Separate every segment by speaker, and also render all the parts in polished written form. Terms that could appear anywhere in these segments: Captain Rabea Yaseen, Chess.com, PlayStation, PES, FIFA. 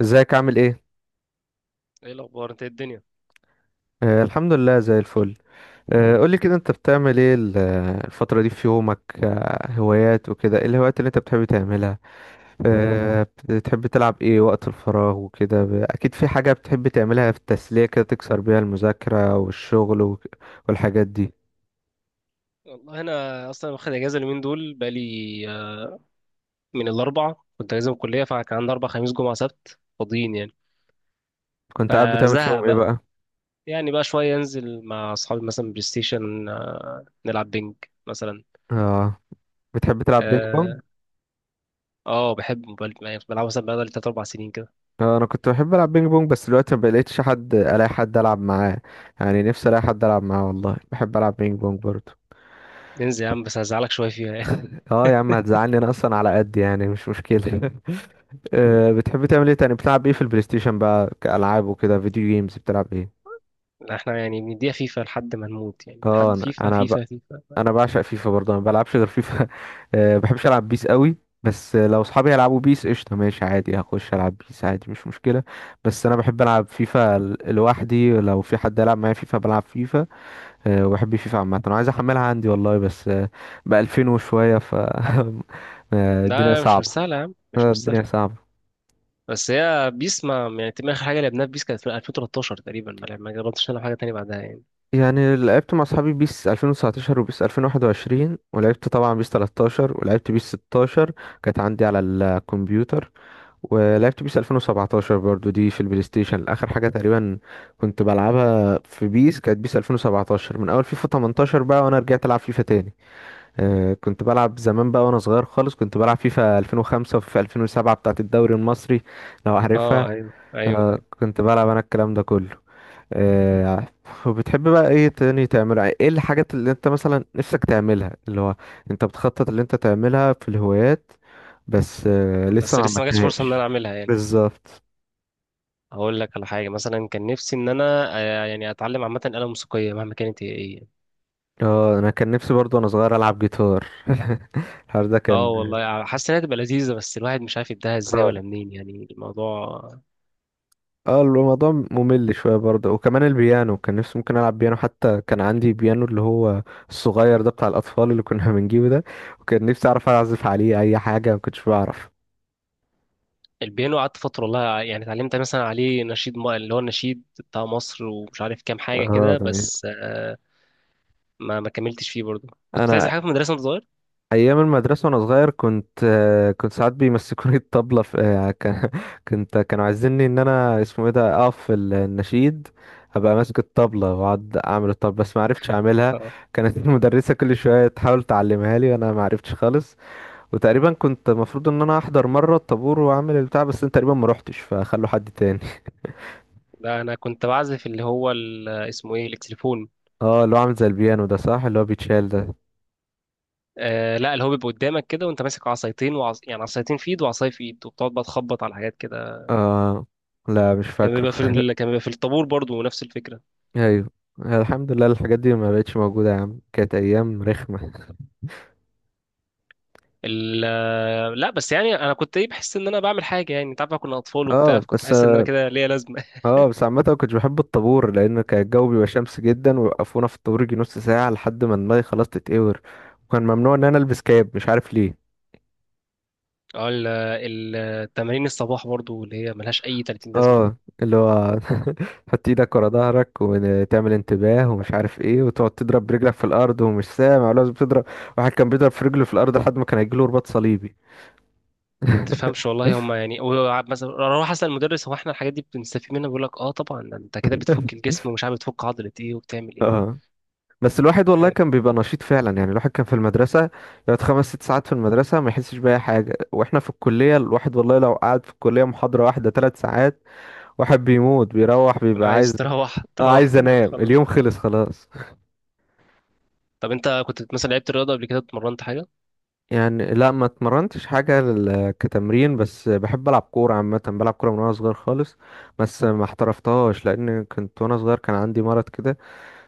Speaker 1: ازيك؟ عامل ايه؟
Speaker 2: ايه الاخبار؟ انت إيه الدنيا؟
Speaker 1: آه الحمد لله زي الفل. آه قولي كده، انت بتعمل ايه الفترة دي في يومك؟ آه هوايات وكده، ايه الهوايات اللي انت بتحب تعملها؟ آه بتحب تلعب ايه وقت الفراغ وكده؟ اكيد في حاجة بتحب تعملها في التسلية كده، تكسر بيها المذاكرة والشغل والحاجات دي.
Speaker 2: والله انا اصلا واخد اجازه اليومين دول بقالي. آه، من الاربع كنت اجازه من الكليه، فكان عندي اربع: خميس، جمعه، سبت فاضيين يعني.
Speaker 1: كنت قاعد بتعمل
Speaker 2: فزهق
Speaker 1: فيهم ايه
Speaker 2: بقى.
Speaker 1: بقى؟
Speaker 2: يعني بقى شويه انزل مع اصحابي مثلا بلاي ستيشن، نلعب بينج مثلا.
Speaker 1: اه بتحب تلعب بينج بونج؟
Speaker 2: اه، بحب موبايل، يعني بلعبه مثلا بقالي تلات اربع سنين كده.
Speaker 1: آه انا كنت بحب العب بينج بونج، بس دلوقتي ما بقيتش الاقي حد العب معاه يعني. نفسي الاقي حد العب معاه، والله بحب العب بينج بونج برضه.
Speaker 2: ننزل يا عم، بس هزعلك شويه فيها يعني.
Speaker 1: اه يا عم، هتزعلني، انا اصلا على قد يعني، مش مشكلة. بتحب تعمل ايه تاني؟ بتلعب ايه في البلاي ستيشن بقى كألعاب وكده، فيديو جيمز بتلعب ايه؟
Speaker 2: احنا يعني بنديها فيفا لحد ما نموت، يعني
Speaker 1: اه
Speaker 2: لحد
Speaker 1: انا
Speaker 2: فيفا
Speaker 1: انا ب...
Speaker 2: فيفا فيفا.
Speaker 1: انا بعشق فيفا برضه، انا ما بلعبش غير فيفا. بحبش العب بيس قوي، بس لو اصحابي يلعبوا بيس، قشطة ماشي عادي، هخش العب بيس عادي، مش مشكلة. بس انا بحب العب فيفا لوحدي، لو في حد يلعب معايا فيفا بلعب فيفا. وبحب فيفا عامة، انا عايز احملها عندي والله، بس ب 2000 وشوية الدنيا
Speaker 2: لا، مش
Speaker 1: صعبة.
Speaker 2: مستاهله يا عم، مش
Speaker 1: الدنيا
Speaker 2: مستاهله.
Speaker 1: صعبة.
Speaker 2: بس هي بيس، ما يعني تقريباً اخر حاجه لعبناها في بيس كانت في 2013 تقريبا، ما جربتش نلعب حاجه تانية بعدها يعني.
Speaker 1: يعني لعبت مع اصحابي بيس 2019 وبيس 2021، ولعبت طبعا بيس 13، ولعبت بيس 16 كانت عندي على الكمبيوتر، ولعبت بيس 2017 برضو دي في البلاي ستيشن. اخر حاجة تقريبا كنت بلعبها في بيس كانت بيس 2017، من اول فيفا 18 بقى وانا رجعت العب فيفا تاني. آه كنت بلعب زمان بقى وانا صغير خالص، كنت بلعب فيفا 2005 وفيفا 2007 بتاعت الدوري المصري، لو عارفها.
Speaker 2: اه، ايوه ايوه
Speaker 1: آه
Speaker 2: ايوه.
Speaker 1: كنت بلعب انا الكلام ده كله. آه، وبتحب بقى ايه تاني تعملها؟ ايه الحاجات اللي انت مثلا نفسك تعملها، اللي هو انت بتخطط اللي انت تعملها في الهوايات، بس آه، لسه
Speaker 2: بس
Speaker 1: ما
Speaker 2: لسه ما جاتش فرصه ان انا
Speaker 1: عملتهاش؟
Speaker 2: اعملها يعني.
Speaker 1: بالظبط.
Speaker 2: هقول لك على حاجه مثلا، كان نفسي ان انا، يعني اتعلم عامه آلة موسيقيه مهما كانت هي ايه يعني.
Speaker 1: اه انا كان نفسي برضو وانا صغير العب جيتار. الحوار ده
Speaker 2: اه
Speaker 1: كان
Speaker 2: والله، حاسس انها تبقى لذيذه، بس الواحد مش عارف يبداها ازاي
Speaker 1: اه.
Speaker 2: ولا منين يعني الموضوع.
Speaker 1: اه الموضوع ممل شويه برضه. وكمان البيانو كان نفسي ممكن العب بيانو، حتى كان عندي بيانو اللي هو الصغير ده بتاع الاطفال اللي كنا بنجيبه ده، وكان نفسي اعرف اعزف عليه اي حاجه، ما كنتش بعرف.
Speaker 2: البيانو قعدت فتره والله، يعني اتعلمت مثلا عليه نشيد اللي هو النشيد بتاع مصر ومش عارف كام حاجه
Speaker 1: اه
Speaker 2: كده،
Speaker 1: ده جميل.
Speaker 2: بس ما كملتش فيه برضه. كنت بتعزف
Speaker 1: انا
Speaker 2: حاجه في المدرسه وانت صغير؟
Speaker 1: ايام المدرسه وانا صغير كنت آه، كنت ساعات بيمسكوني الطبله في آه، كانوا عايزيني ان انا اسمه ايه ده، اقف في النشيد، ابقى ماسك الطبله واقعد اعمل الطبله، بس ما عرفتش اعملها. كانت المدرسه كل شويه تحاول تعلمها لي وانا ما عرفتش خالص. وتقريبا كنت المفروض ان انا احضر مره الطابور واعمل البتاع، بس انا تقريبا ما روحتش، فخلوا حد تاني.
Speaker 2: لا، انا كنت بعزف اللي هو اسمه ايه، التليفون.
Speaker 1: اه اللي هو عامل زي البيانو ده، صح؟ اللي هو بيتشال ده؟
Speaker 2: آه لا، اللي هو بيبقى قدامك كده وانت ماسك عصايتين يعني عصايتين في ايد وعصايه في ايد، وبتقعد بقى تخبط على حاجات كده.
Speaker 1: اه لا مش فاكره.
Speaker 2: كان بيبقى في الطابور برضو نفس الفكره.
Speaker 1: ايوه. الحمد لله الحاجات دي ما بقتش موجودة يا عم، كانت ايام رخمة.
Speaker 2: ال... آه، لا بس يعني انا كنت ايه، بحس ان انا بعمل حاجه، يعني انت عارف بقى كنا اطفال وبتاع،
Speaker 1: اه
Speaker 2: فكنت
Speaker 1: بس.
Speaker 2: بحس ان انا كده ليا لازمه.
Speaker 1: اه بس عامة ما كنتش بحب الطابور، لان كان الجو بيبقى شمس جدا، ويوقفونا في الطابور يجي نص ساعة لحد ما دماغي خلاص تتقور، وكان ممنوع ان انا البس كاب مش عارف ليه.
Speaker 2: اه، التمارين الصباح برضو اللي هي ملهاش اي 30 لازمه.
Speaker 1: اه اللي هو تحط ايدك ورا ظهرك، وتعمل انتباه ومش عارف ايه، وتقعد تضرب برجلك في الارض، ومش سامع ولازم تضرب. واحد كان بيضرب في رجله في الارض لحد ما كان هيجيله رباط صليبي.
Speaker 2: ما تفهمش والله هم، يعني هو مثلا اروح اسال المدرس: هو احنا الحاجات دي بنستفيد منها؟ بيقول لك اه طبعا، ده انت كده بتفك الجسم ومش عارف بتفك عضله ايه وبتعمل ايه.
Speaker 1: اه بس الواحد والله
Speaker 2: يعني،
Speaker 1: كان بيبقى نشيط فعلا. يعني الواحد كان في المدرسة يقعد خمس ست ساعات في المدرسة ما يحسش بأي حاجة، واحنا في الكلية الواحد والله لو قعد في الكلية محاضرة واحدة ثلاث ساعات واحد بيموت، بيروح
Speaker 2: انا
Speaker 1: بيبقى عايز.
Speaker 2: عايز تروح
Speaker 1: اه
Speaker 2: تروح
Speaker 1: عايز
Speaker 2: تنام
Speaker 1: انام،
Speaker 2: خلاص.
Speaker 1: اليوم خلص خلاص
Speaker 2: طب انت كنت مثلا لعبت رياضه قبل كده؟ اتمرنت حاجه؟
Speaker 1: يعني. لا ما اتمرنتش حاجة كتمرين، بس بحب ألعب كورة عامة، بلعب كورة من وأنا صغير خالص، بس ما احترفتهاش لأن كنت وأنا صغير كان عندي مرض كده،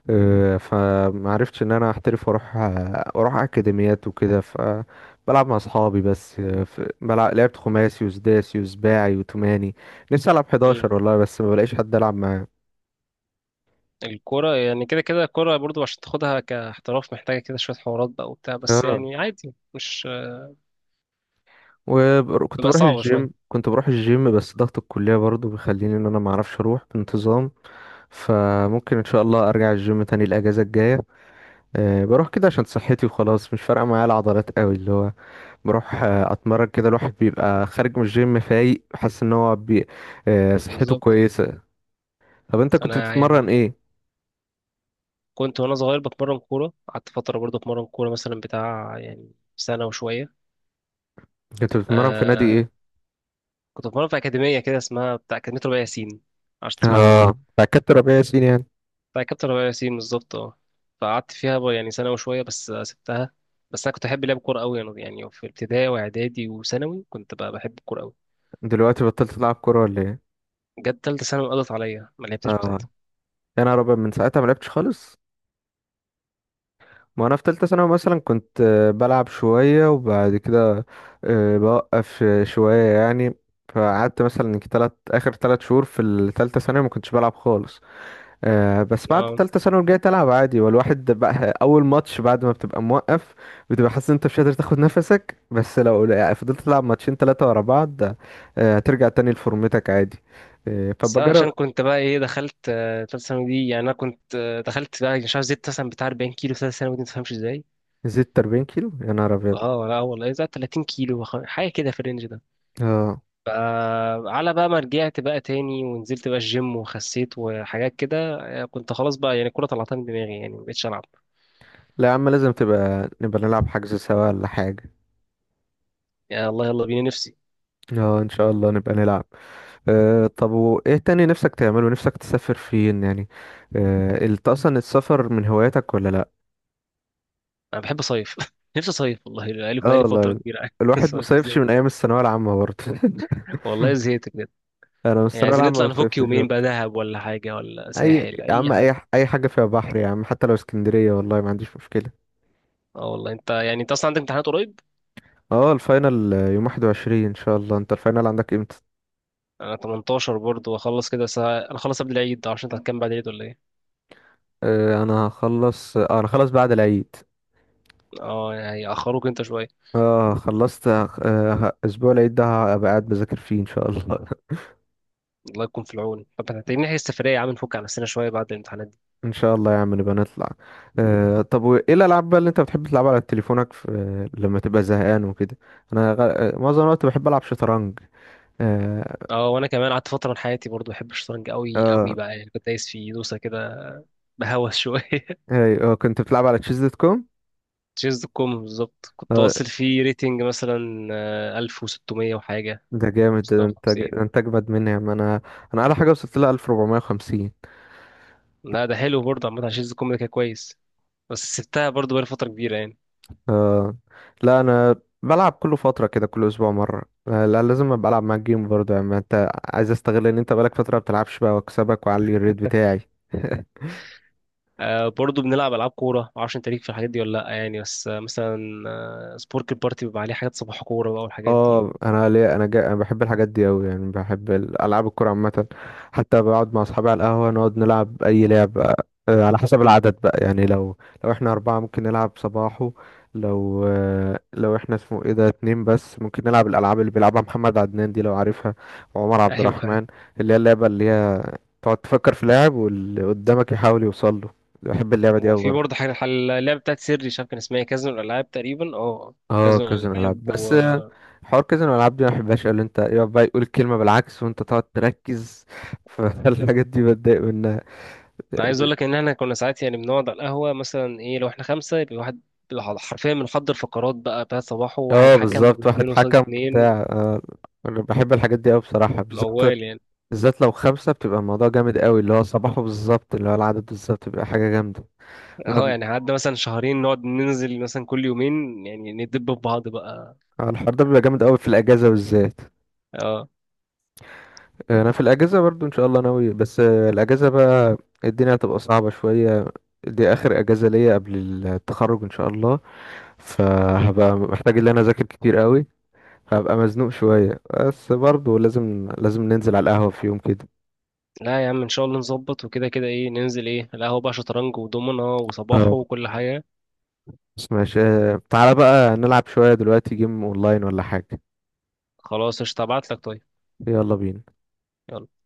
Speaker 1: آه، فمعرفتش ان انا احترف واروح اروح اكاديميات وكده، فبلعب مع اصحابي بس. آه، لعبت خماسي وسداسي وسباعي وتماني. نفسي العب
Speaker 2: امم
Speaker 1: 11 والله، بس ما بلاقيش حد العب معاه.
Speaker 2: الكوره يعني كده كده، الكوره برضو عشان تاخدها كاحتراف محتاجه كده شويه حوارات بقى وبتاع، بس
Speaker 1: اه
Speaker 2: يعني عادي مش.
Speaker 1: وكنت
Speaker 2: بتبقى
Speaker 1: بروح
Speaker 2: صعبه شويه.
Speaker 1: الجيم، كنت بروح الجيم بس ضغط الكلية برضو بيخليني ان انا ما اعرفش اروح بانتظام. فممكن ان شاء الله ارجع الجيم تاني الاجازة الجاية. أه بروح كده عشان صحتي وخلاص، مش فارقة معايا العضلات قوي، اللي هو بروح آه، اتمرن كده، الواحد بيبقى خارج من الجيم فايق، حاسس ان هو آه، صحته
Speaker 2: بالظبط.
Speaker 1: كويسه. طب انت كنت
Speaker 2: انا
Speaker 1: بتتمرن
Speaker 2: يعني
Speaker 1: ايه؟
Speaker 2: كنت وانا صغير بتمرن كوره، قعدت فتره برضو اتمرن كوره مثلا بتاع يعني سنه وشويه.
Speaker 1: كنت بتتمرن في نادي
Speaker 2: آه
Speaker 1: ايه؟
Speaker 2: كنت بتمرن في اكاديميه كده اسمها بتاع اكاديميه ربيع ياسين، معرفش تسمعنا ولا
Speaker 1: اه
Speaker 2: لا.
Speaker 1: بتاع كابتن ربيع ياسين يعني.
Speaker 2: بتاع كابتن ربيع ياسين بالظبط، اه. فقعدت فيها بقى يعني سنة وشوية بس سبتها. بس أنا كنت أحب لعب كورة أوي، يعني في ابتدائي وإعدادي وثانوي كنت بقى بحب الكورة أوي.
Speaker 1: دلوقتي بطلت تلعب كوره ولا ايه؟
Speaker 2: جت تالتة ثانوي قضت عليا، ما لعبتش من
Speaker 1: اه
Speaker 2: ساعتها.
Speaker 1: انا ربع من ساعتها ما لعبتش خالص. ما انا في تالتة ثانوي مثلا كنت آه، بلعب شويه وبعد كده آه، بوقف آه، شويه يعني. فقعدت مثلا تلات شهور في التالتة ثانوي ما كنتش بلعب خالص. آه، بس بعد
Speaker 2: اه،
Speaker 1: تالتة ثانوي رجعت ألعب عادي، والواحد بقى أول ماتش بعد ما بتبقى موقف بتبقى حاسس إن أنت مش قادر تاخد نفسك، بس لو يعني فضلت تلعب ماتشين تلاتة ورا بعض آه، هترجع تاني لفورمتك عادي. آه،
Speaker 2: بس أنا
Speaker 1: فبجرب.
Speaker 2: عشان كنت بقى إيه، دخلت تالتة ثانوي دي، يعني أنا كنت دخلت بقى مش عارف، زدت مثلا بتاع 40 كيلو في تالتة ثانوي دي، متفهمش إزاي.
Speaker 1: زدت 40 كيلو يا نهار أبيض؟
Speaker 2: اه لا والله، زي 30 كيلو حاجه كده في الرينج ده.
Speaker 1: اه
Speaker 2: فعلى بقى ما رجعت بقى تاني ونزلت بقى الجيم وخسيت وحاجات كده. كنت خلاص بقى يعني الكوره طلعتها من دماغي، يعني ما بقتش العب.
Speaker 1: لا يا عم، لازم نبقى نلعب حجز سوا ولا حاجة.
Speaker 2: يا الله، يلا بينا، نفسي.
Speaker 1: اه إن شاء الله نبقى نلعب. آه، طب وإيه تاني نفسك تعمله؟ نفسك تسافر فين يعني؟ آه، أنت أصلا السفر من هواياتك ولا لأ؟
Speaker 2: انا بحب اصيف. نفسي اصيف والله، بقالي
Speaker 1: اه
Speaker 2: بقالي فتره
Speaker 1: والله
Speaker 2: كبيره قاعد.
Speaker 1: الواحد ما
Speaker 2: صيف،
Speaker 1: صيفش من
Speaker 2: زهقت.
Speaker 1: ايام الثانويه العامه برضه.
Speaker 2: والله زهقت بجد.
Speaker 1: انا من
Speaker 2: يعني
Speaker 1: الثانويه
Speaker 2: عايزين
Speaker 1: العامه
Speaker 2: نطلع
Speaker 1: ما
Speaker 2: نفك
Speaker 1: صيفتش
Speaker 2: يومين بقى،
Speaker 1: برضه.
Speaker 2: دهب ولا حاجه ولا
Speaker 1: اي
Speaker 2: ساحل،
Speaker 1: يا
Speaker 2: اي
Speaker 1: عم، اي
Speaker 2: حاجه.
Speaker 1: اي حاجه فيها بحر يا عم، حتى لو اسكندريه والله ما عنديش مشكله.
Speaker 2: اه والله، انت يعني انت اصلا عندك امتحانات قريب.
Speaker 1: اه الفاينل يوم 21 ان شاء الله، انت الفاينل عندك امتى؟
Speaker 2: انا 18 برضه واخلص كده، بس انا خلص قبل العيد، عشان انت هتكمل بعد العيد ولا ايه؟
Speaker 1: آه، انا هخلص آه، انا خلص بعد العيد.
Speaker 2: اه يعني هيأخروك انت شويه.
Speaker 1: اه خلصت آه، اسبوع العيد ده هبقى قاعد بذاكر فيه ان شاء الله.
Speaker 2: الله يكون في العون. طب هتحتاجين نحجز سفريه يا عم، نفك على نفسنا شويه بعد الامتحانات دي.
Speaker 1: ان شاء الله يا عم نبقى نطلع. آه طب وايه الالعاب بقى اللي انت بتحب تلعبها على تليفونك في... لما تبقى زهقان وكده؟ انا غ... آه، معظم الوقت بحب العب شطرنج. اه.
Speaker 2: اه، وانا كمان قعدت فتره من حياتي برضه بحب الشطرنج قوي
Speaker 1: اه.
Speaker 2: قوي بقى، يعني كنت دايس في دوسه كده. بهوس شويه.
Speaker 1: اي اه كنت بتلعب على تشيز دوت كوم.
Speaker 2: تشيز دوت كوم بالظبط، كنت
Speaker 1: اه
Speaker 2: واصل فيه ريتنج مثلا 1600 وحاجة.
Speaker 1: ده جامد، ده انت
Speaker 2: 650.
Speaker 1: ده انت اجمد مني. ما انا انا على حاجه وصلت لها 1450.
Speaker 2: لا، ده حلو برضه. عامة على تشيز دوت كوم ده كان كويس. بس سبتها برضه بقالي فترة كبيرة يعني.
Speaker 1: اه لا انا بلعب كل فتره كده، كل اسبوع مره. آه لا لازم ابقى العب معاك جيم برضه يعني، ما انت عايز استغل ان انت بقالك فتره ما بتلعبش بقى، واكسبك واعلي الريت بتاعي.
Speaker 2: برضه بنلعب ألعاب كورة، معرفش أنت ليك في الحاجات دي ولا لأ يعني، بس مثلا سبورك البارتي بيبقى عليه حاجات صباح كورة بقى والحاجات دي
Speaker 1: اه
Speaker 2: و...
Speaker 1: انا ليه، انا بحب الحاجات دي قوي يعني، بحب العاب الكوره عامه، حتى بقعد مع اصحابي على القهوه نقعد نلعب اي لعبه. آه، على حسب العدد بقى يعني، لو لو احنا اربعه ممكن نلعب صباحو، لو آه، لو احنا اسمه ايه ده اتنين بس، ممكن نلعب الالعاب اللي بيلعبها محمد عدنان دي لو عارفها، وعمر عبد
Speaker 2: أيوه.
Speaker 1: الرحمن. اللي هي اللعبه اللي هي تقعد تفكر في لاعب واللي قدامك يحاول يوصل له، بحب اللعبه دي
Speaker 2: وفي
Speaker 1: قوي.
Speaker 2: برضه حاجة اللعبة بتاعت سيري، مش عارف كان اسمها إيه، كازينو الألعاب تقريبا. اه،
Speaker 1: اه
Speaker 2: كازينو
Speaker 1: كازينو العاب،
Speaker 2: الألعاب.
Speaker 1: بس آه، حوار كازينو العاب دي ما بحبهاش، اللي انت يقعد بقى يقول الكلمه بالعكس وانت تقعد تركز. فالحاجات دي بتضايق منها.
Speaker 2: عايز اقول لك ان احنا كنا ساعات يعني بنقعد على القهوه مثلا ايه، لو احنا خمسه يبقى واحد حرفيا بنحضر فقرات بقى بتاعت صباحه، واحد
Speaker 1: اه
Speaker 2: حكم
Speaker 1: بالظبط، واحد
Speaker 2: واثنين قصاد
Speaker 1: حكم
Speaker 2: اتنين،
Speaker 1: وبتاع آه، انا بحب الحاجات دي قوي بصراحه، بالذات
Speaker 2: موال يعني.
Speaker 1: بالذات لو خمسه، بتبقى الموضوع جامد قوي، اللي هو صباحه بالظبط، اللي هو العدد بالظبط بيبقى حاجه جامده.
Speaker 2: اه
Speaker 1: نقعد-
Speaker 2: يعني قعدنا مثلا شهرين نقعد ننزل مثلا كل يومين، يعني ندب في بعض بقى.
Speaker 1: آه، الحوار ده بيبقى جامد قوي في الاجازه بالذات.
Speaker 2: اه
Speaker 1: آه، انا في الاجازه برضو ان شاء الله ناوي، بس آه، الاجازه بقى الدنيا هتبقى صعبه شويه، دي اخر اجازه ليا قبل التخرج ان شاء الله، فهبقى محتاج ان انا اذاكر كتير قوي، هبقى مزنوق شويه، بس برضه لازم لازم ننزل على القهوه في يوم كده.
Speaker 2: لا يا عم، ان شاء الله نظبط، وكده كده ايه، ننزل ايه القهوه بقى، شطرنج ودومنه
Speaker 1: اه
Speaker 2: وصباحه وكل حاجه.
Speaker 1: بس ماشي. آه، تعالى بقى نلعب شويه دلوقتي جيم اونلاين ولا حاجه؟
Speaker 2: خلاص، قشطة، هبعتلك طيب.
Speaker 1: يلا بينا.
Speaker 2: يلا.